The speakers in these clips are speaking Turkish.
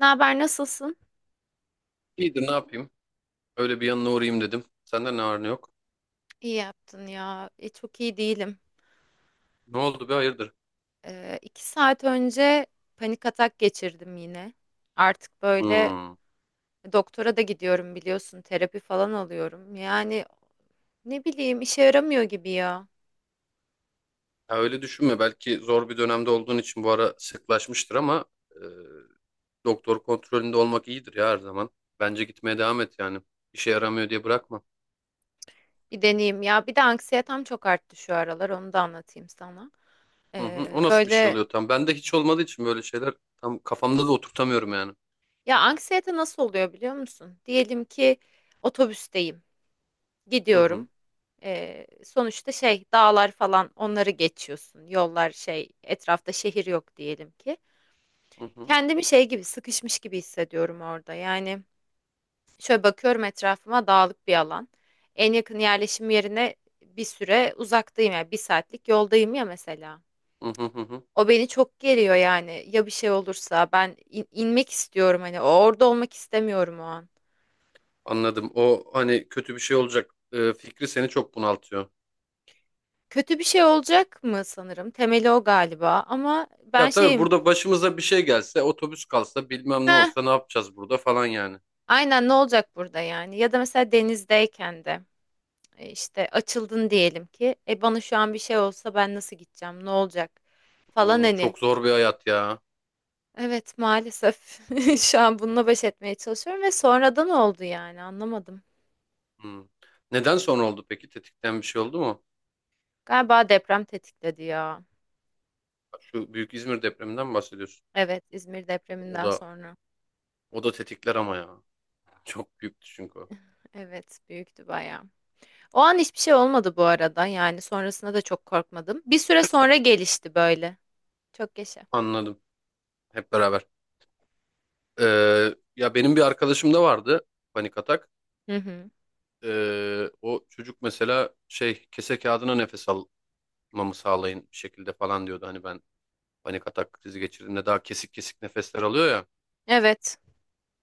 Ne haber, nasılsın? İyidir ne yapayım? Öyle bir yanına uğrayayım dedim. Senden ne var ne yok? İyi yaptın ya. Çok iyi değilim. Ne oldu be hayırdır? 2 saat önce panik atak geçirdim yine. Artık böyle Hmm. doktora da gidiyorum biliyorsun. Terapi falan alıyorum. Yani ne bileyim işe yaramıyor gibi ya. Ha, öyle düşünme. Belki zor bir dönemde olduğun için bu ara sıklaşmıştır ama e, doktor kontrolünde olmak iyidir ya her zaman. Bence gitmeye devam et yani. İşe yaramıyor diye bırakma. Bir deneyeyim ya. Bir de anksiyetem çok arttı şu aralar. Onu da anlatayım sana. Hı hı. Ee, O nasıl bir şey böyle oluyor tam? Bende hiç olmadığı için böyle şeyler tam kafamda da oturtamıyorum yani. ya anksiyete nasıl oluyor biliyor musun? Diyelim ki otobüsteyim. Hı hı. Gidiyorum. Sonuçta şey dağlar falan onları geçiyorsun. Yollar şey etrafta şehir yok diyelim ki. Hı hı. Kendimi şey gibi sıkışmış gibi hissediyorum orada. Yani şöyle bakıyorum etrafıma dağlık bir alan. En yakın yerleşim yerine bir süre uzaktayım ya yani bir saatlik yoldayım ya mesela. Hı hı hı. Hı. O beni çok geriyor yani. Ya bir şey olursa ben inmek istiyorum hani orada olmak istemiyorum o an. Anladım. O hani kötü bir şey olacak fikri seni çok bunaltıyor. Kötü bir şey olacak mı sanırım. Temeli o galiba ama ben Ya tabii şeyim. burada başımıza bir şey gelse, otobüs kalsa, bilmem ne olsa ne yapacağız burada falan yani. Aynen ne olacak burada yani? Ya da mesela denizdeyken de işte açıldın diyelim ki bana şu an bir şey olsa ben nasıl gideceğim? Ne olacak? Falan hani. Çok zor bir hayat ya. Evet, maalesef şu an bununla baş etmeye çalışıyorum ve sonradan oldu yani anlamadım. Hmm. Neden sonra oldu peki? Tetikten bir şey oldu mu? Galiba deprem tetikledi ya. Şu büyük İzmir depreminden mi bahsediyorsun? Evet, İzmir O depreminden da sonra. o da tetikler ama ya. Çok büyüktü çünkü o. Evet, büyüktü bayağı. O an hiçbir şey olmadı bu arada yani sonrasında da çok korkmadım. Bir süre sonra gelişti böyle. Çok yaşa. Anladım. Hep beraber. Ya benim bir arkadaşım da vardı, panik atak. Hı hı. O çocuk mesela şey kese kağıdına nefes almamı sağlayın bir şekilde falan diyordu. Hani ben panik atak krizi geçirdiğimde daha kesik kesik nefesler alıyor ya. Evet.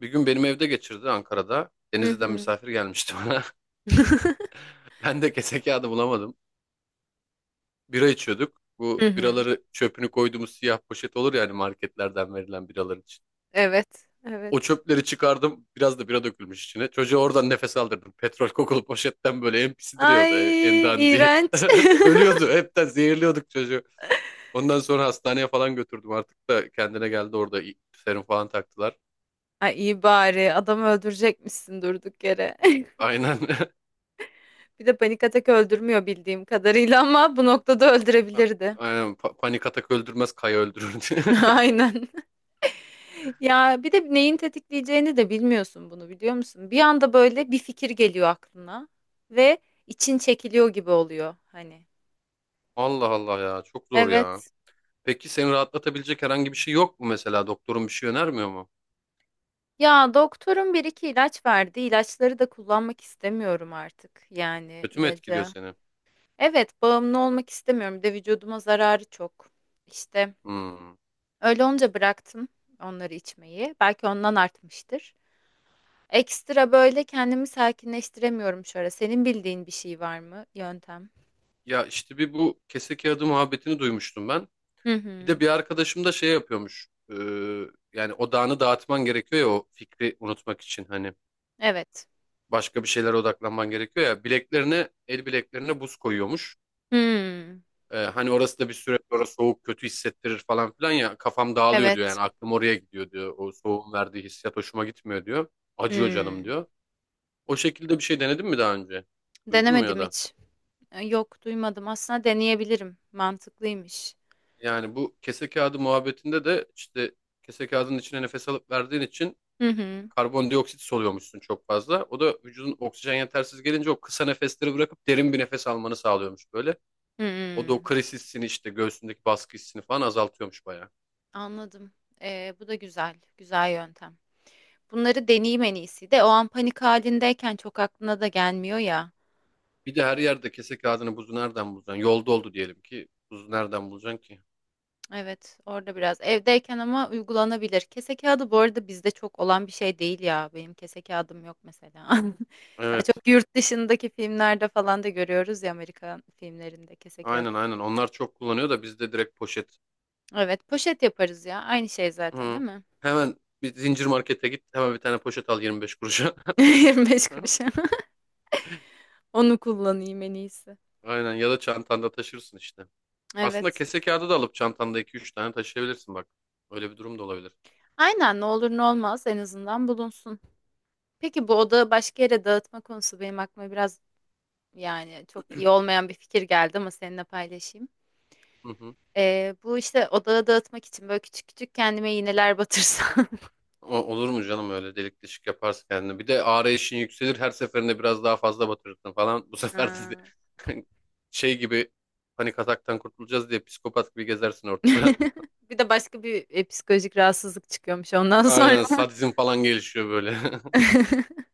Bir gün benim evde geçirdi, Ankara'da. Hı Denizli'den hı. misafir gelmişti bana. Ben de kese kağıdı bulamadım. Bira içiyorduk. Hı Bu hı. biraları çöpünü koyduğumuz siyah poşet olur yani, marketlerden verilen biralar için. Evet, evet. O çöpleri çıkardım. Biraz da bira dökülmüş içine. Çocuğa oradan nefes aldırdım. Petrol kokulu poşetten böyle en pisi Ay, duruyordu. En dandiği. iğrenç. Ölüyordu. Hepten zehirliyorduk çocuğu. Ondan sonra hastaneye falan götürdüm. Artık da kendine geldi orada. Serum falan taktılar. Ay, iyi bari adamı öldürecekmişsin durduk yere. Aynen. Bir de panik atak öldürmüyor bildiğim kadarıyla ama bu noktada öldürebilirdi. Aynen. Panik atak öldürmez, kaya öldürür diye. Aynen. Ya bir de neyin tetikleyeceğini de bilmiyorsun bunu biliyor musun? Bir anda böyle bir fikir geliyor aklına ve için çekiliyor gibi oluyor hani. Allah Allah ya, çok zor ya. Evet. Peki seni rahatlatabilecek herhangi bir şey yok mu mesela? Doktorun bir şey önermiyor mu? Ya doktorun bir iki ilaç verdi. İlaçları da kullanmak istemiyorum artık yani Kötü mü etkiliyor ilacı. seni? Evet, bağımlı olmak istemiyorum. Bir de vücuduma zararı çok. İşte Hmm. öyle olunca bıraktım onları içmeyi. Belki ondan artmıştır. Ekstra böyle kendimi sakinleştiremiyorum şu ara. Senin bildiğin bir şey var mı? Yöntem. Ya işte bir bu kese kağıdı muhabbetini duymuştum ben. Hı Bir de hı. bir arkadaşım da şey yapıyormuş. Yani odağını dağıtman gerekiyor ya, o fikri unutmak için. Hani Evet. başka bir şeylere odaklanman gerekiyor ya. Bileklerine, el bileklerine buz koyuyormuş. Hmm. Hani orası da bir süre sonra soğuk kötü hissettirir falan filan ya, kafam dağılıyor diyor Evet. yani, aklım oraya gidiyor diyor. O soğuğun verdiği hissiyat hoşuma gitmiyor diyor. Acıyor canım Hmm. diyor. O şekilde bir şey denedin mi daha önce? Duydun mu ya Denemedim da? hiç. Yok, duymadım. Aslında deneyebilirim. Mantıklıymış. Yani bu kese kağıdı muhabbetinde de işte, kese kağıdının içine nefes alıp verdiğin için Hı hı. karbondioksit soluyormuşsun çok fazla. O da vücudun oksijen yetersiz gelince o kısa nefesleri bırakıp derin bir nefes almanı sağlıyormuş böyle. O da o Hmm. kriz hissini işte, göğsündeki baskı hissini falan azaltıyormuş bayağı. Anladım. Bu da güzel. Güzel yöntem. Bunları deneyeyim en iyisi de o an panik halindeyken çok aklına da gelmiyor ya. Bir de her yerde kese kağıdını, buzu nereden bulacaksın? Yolda oldu diyelim ki, buzu nereden bulacaksın ki? Evet, orada biraz evdeyken ama uygulanabilir. Kese kağıdı bu arada bizde çok olan bir şey değil ya. Benim kese kağıdım yok mesela. Daha Evet. çok yurt dışındaki filmlerde falan da görüyoruz ya, Amerikan filmlerinde kese Aynen, kağıdı. aynen. Onlar çok kullanıyor da bizde direkt poşet. Evet, poşet yaparız ya. Aynı şey zaten Hı. değil mi? Hemen bir zincir markete git. Hemen bir tane poşet al 25 kuruşa. 25 kuruşa. Onu kullanayım en iyisi. Aynen, ya da çantanda taşırsın işte. Aslında Evet. kese kağıdı da alıp çantanda iki üç tane taşıyabilirsin bak. Öyle bir durum da olabilir. Aynen, ne olur ne olmaz en azından bulunsun. Peki, bu odağı başka yere dağıtma konusu benim aklıma biraz, yani çok iyi olmayan bir fikir geldi, ama seninle paylaşayım. Hı hı. Bu işte odağı dağıtmak için böyle küçük küçük kendime iğneler batırsam. Olur mu canım, öyle delik deşik yaparsın kendini. Bir de arayışın yükselir, her seferinde biraz daha fazla batırırsın falan. Bu sefer de Ha. şey gibi, panik ataktan kurtulacağız diye psikopat gibi gezersin ortada. Bir de başka bir psikolojik rahatsızlık çıkıyormuş ondan Aynen, sonra. sadizm falan gelişiyor böyle.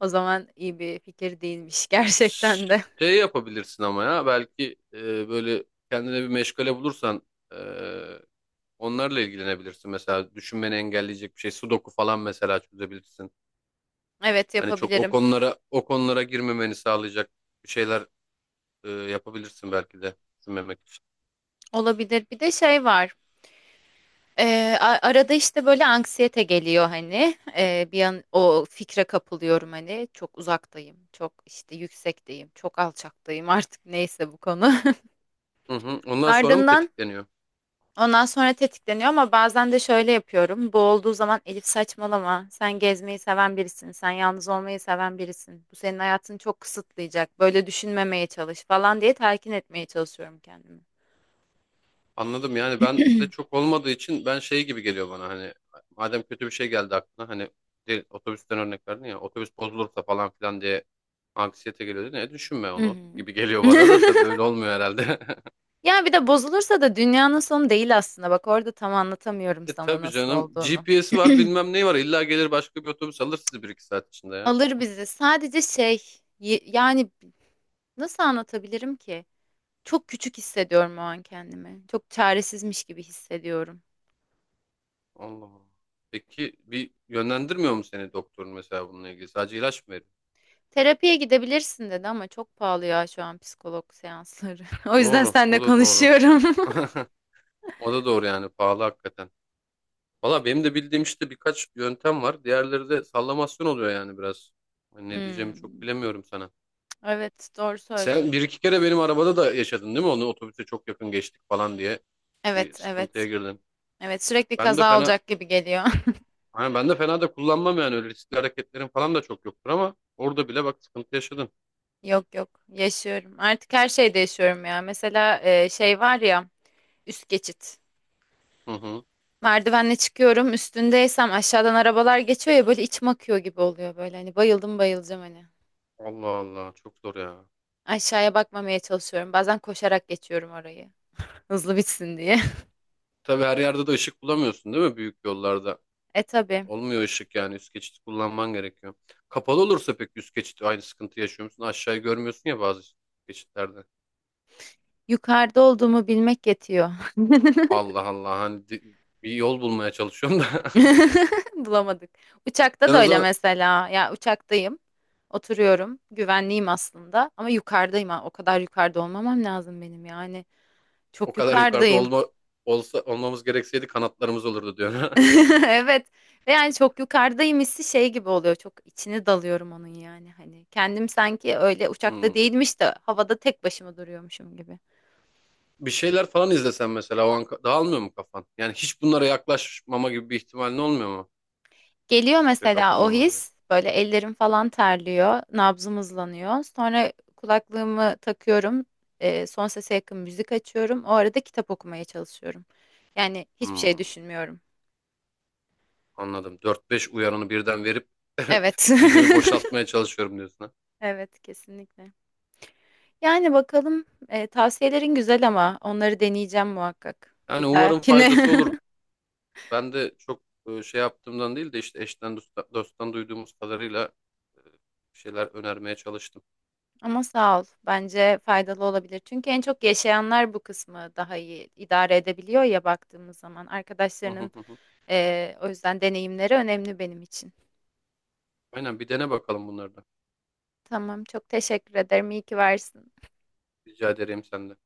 O zaman iyi bir fikir değilmiş gerçekten de. Şey yapabilirsin ama, ya belki böyle kendine bir meşgale bulursan e, onlarla ilgilenebilirsin. Mesela düşünmeni engelleyecek bir şey, sudoku falan mesela çözebilirsin. Evet, Hani çok o yapabilirim. konulara o konulara girmemeni sağlayacak bir şeyler yapabilirsin belki de, düşünmemek için. Olabilir. Bir de şey var. Arada işte böyle anksiyete geliyor hani, bir an o fikre kapılıyorum hani çok uzaktayım çok işte yüksekteyim çok alçaktayım artık neyse bu konu. Hı hı. Ondan sonra mı Ardından tetikleniyor? ondan sonra tetikleniyor, ama bazen de şöyle yapıyorum bu olduğu zaman: Elif, saçmalama, sen gezmeyi seven birisin, sen yalnız olmayı seven birisin, bu senin hayatını çok kısıtlayacak, böyle düşünmemeye çalış falan diye telkin etmeye çalışıyorum kendimi. Anladım, yani ben de çok olmadığı için ben şey gibi geliyor bana, hani madem kötü bir şey geldi aklına, hani otobüsten örnek verdin ya, otobüs bozulursa falan filan diye anksiyete geliyor, ne düşünme Hı onu hı. gibi geliyor bana da, tabii öyle olmuyor herhalde. Ya bir de bozulursa da dünyanın sonu değil aslında. Bak, orada tam anlatamıyorum E sana tabii nasıl canım, olduğunu. GPS'i var, bilmem neyi var, illa gelir başka bir otobüs, alır sizi bir iki saat içinde ya. Alır bizi. Sadece şey, yani nasıl anlatabilirim ki? Çok küçük hissediyorum o an kendimi. Çok çaresizmiş gibi hissediyorum. Allah Allah. Peki bir yönlendirmiyor mu seni doktorun mesela, bununla ilgili sadece ilaç mı veriyor? Terapiye gidebilirsin dedi ama çok pahalı ya şu an psikolog seansları. O yüzden Doğru, seninle o da doğru. konuşuyorum. O da doğru, yani pahalı hakikaten. Valla benim de bildiğim işte birkaç yöntem var. Diğerleri de sallamasyon oluyor yani, biraz. Hani ne diyeceğimi çok Hmm. bilemiyorum sana. Evet, doğru Sen söylüyorsun. bir iki kere benim arabada da yaşadın değil mi? Onu, otobüse çok yakın geçtik falan diye bir Evet, sıkıntıya evet. girdin. Evet, sürekli Ben de kaza fena olacak gibi geliyor. Hani ben de fena da kullanmam yani, öyle riskli hareketlerim falan da çok yoktur ama orada bile bak sıkıntı yaşadın. Yok, yok, yaşıyorum. Artık her şeyde yaşıyorum ya. Mesela şey var ya, üst geçit. Hı hı. Merdivenle çıkıyorum, üstündeysem aşağıdan arabalar geçiyor ya böyle içim akıyor gibi oluyor böyle. Hani bayıldım bayılacağım hani. Allah Allah, çok zor ya. Aşağıya bakmamaya çalışıyorum. Bazen koşarak geçiyorum orayı. Hızlı bitsin diye. Tabii her yerde de ışık bulamıyorsun değil mi, büyük yollarda? E tabii. Olmuyor ışık, yani üst geçit kullanman gerekiyor. Kapalı olursa pek üst geçit aynı sıkıntı yaşıyor musun? Aşağıyı görmüyorsun ya bazı geçitlerde. Yukarıda olduğumu bilmek yetiyor. Allah Allah, hani bir yol bulmaya çalışıyorum da. Bulamadık. Uçakta Sen da o öyle zaman mesela. Ya, uçaktayım. Oturuyorum. Güvenliyim aslında. Ama yukarıdayım. Ha. O kadar yukarıda olmamam lazım benim yani. o Çok kadar yukarıda yukarıdayım. Olsa olmamız gerekseydi kanatlarımız olurdu diyorsun. Evet. Ve yani çok yukarıdayım hissi şey gibi oluyor. Çok içine dalıyorum onun yani. Hani kendim sanki öyle uçakta Hmm. değilmiş de havada tek başıma duruyormuşum gibi. Bir şeyler falan izlesen mesela, o an dağılmıyor mu kafan? Yani hiç bunlara yaklaşmama gibi bir ihtimalin olmuyor mu? Geliyor Fikre mesela o kapılmama gibi. his. Böyle ellerim falan terliyor. Nabzım hızlanıyor. Sonra kulaklığımı takıyorum. Son sese yakın müzik açıyorum. O arada kitap okumaya çalışıyorum. Yani hiçbir şey Hmm, düşünmüyorum. anladım. Dört beş uyarını birden verip Evet. zihnimi boşaltmaya çalışıyorum diyorsun, ha. Evet, kesinlikle. Yani bakalım, tavsiyelerin güzel ama onları deneyeceğim muhakkak bir Yani umarım dahakine. faydası olur. Ben de çok şey yaptığımdan değil de, işte dosttan duyduğumuz kadarıyla e, bir şeyler önermeye çalıştım. Ama sağ ol. Bence faydalı olabilir. Çünkü en çok yaşayanlar bu kısmı daha iyi idare edebiliyor ya baktığımız zaman. Hı hı, Arkadaşlarının hı hı. O yüzden deneyimleri önemli benim için. Aynen, bir dene bakalım bunları da. Tamam, çok teşekkür ederim. İyi ki varsın. Rica ederim senden.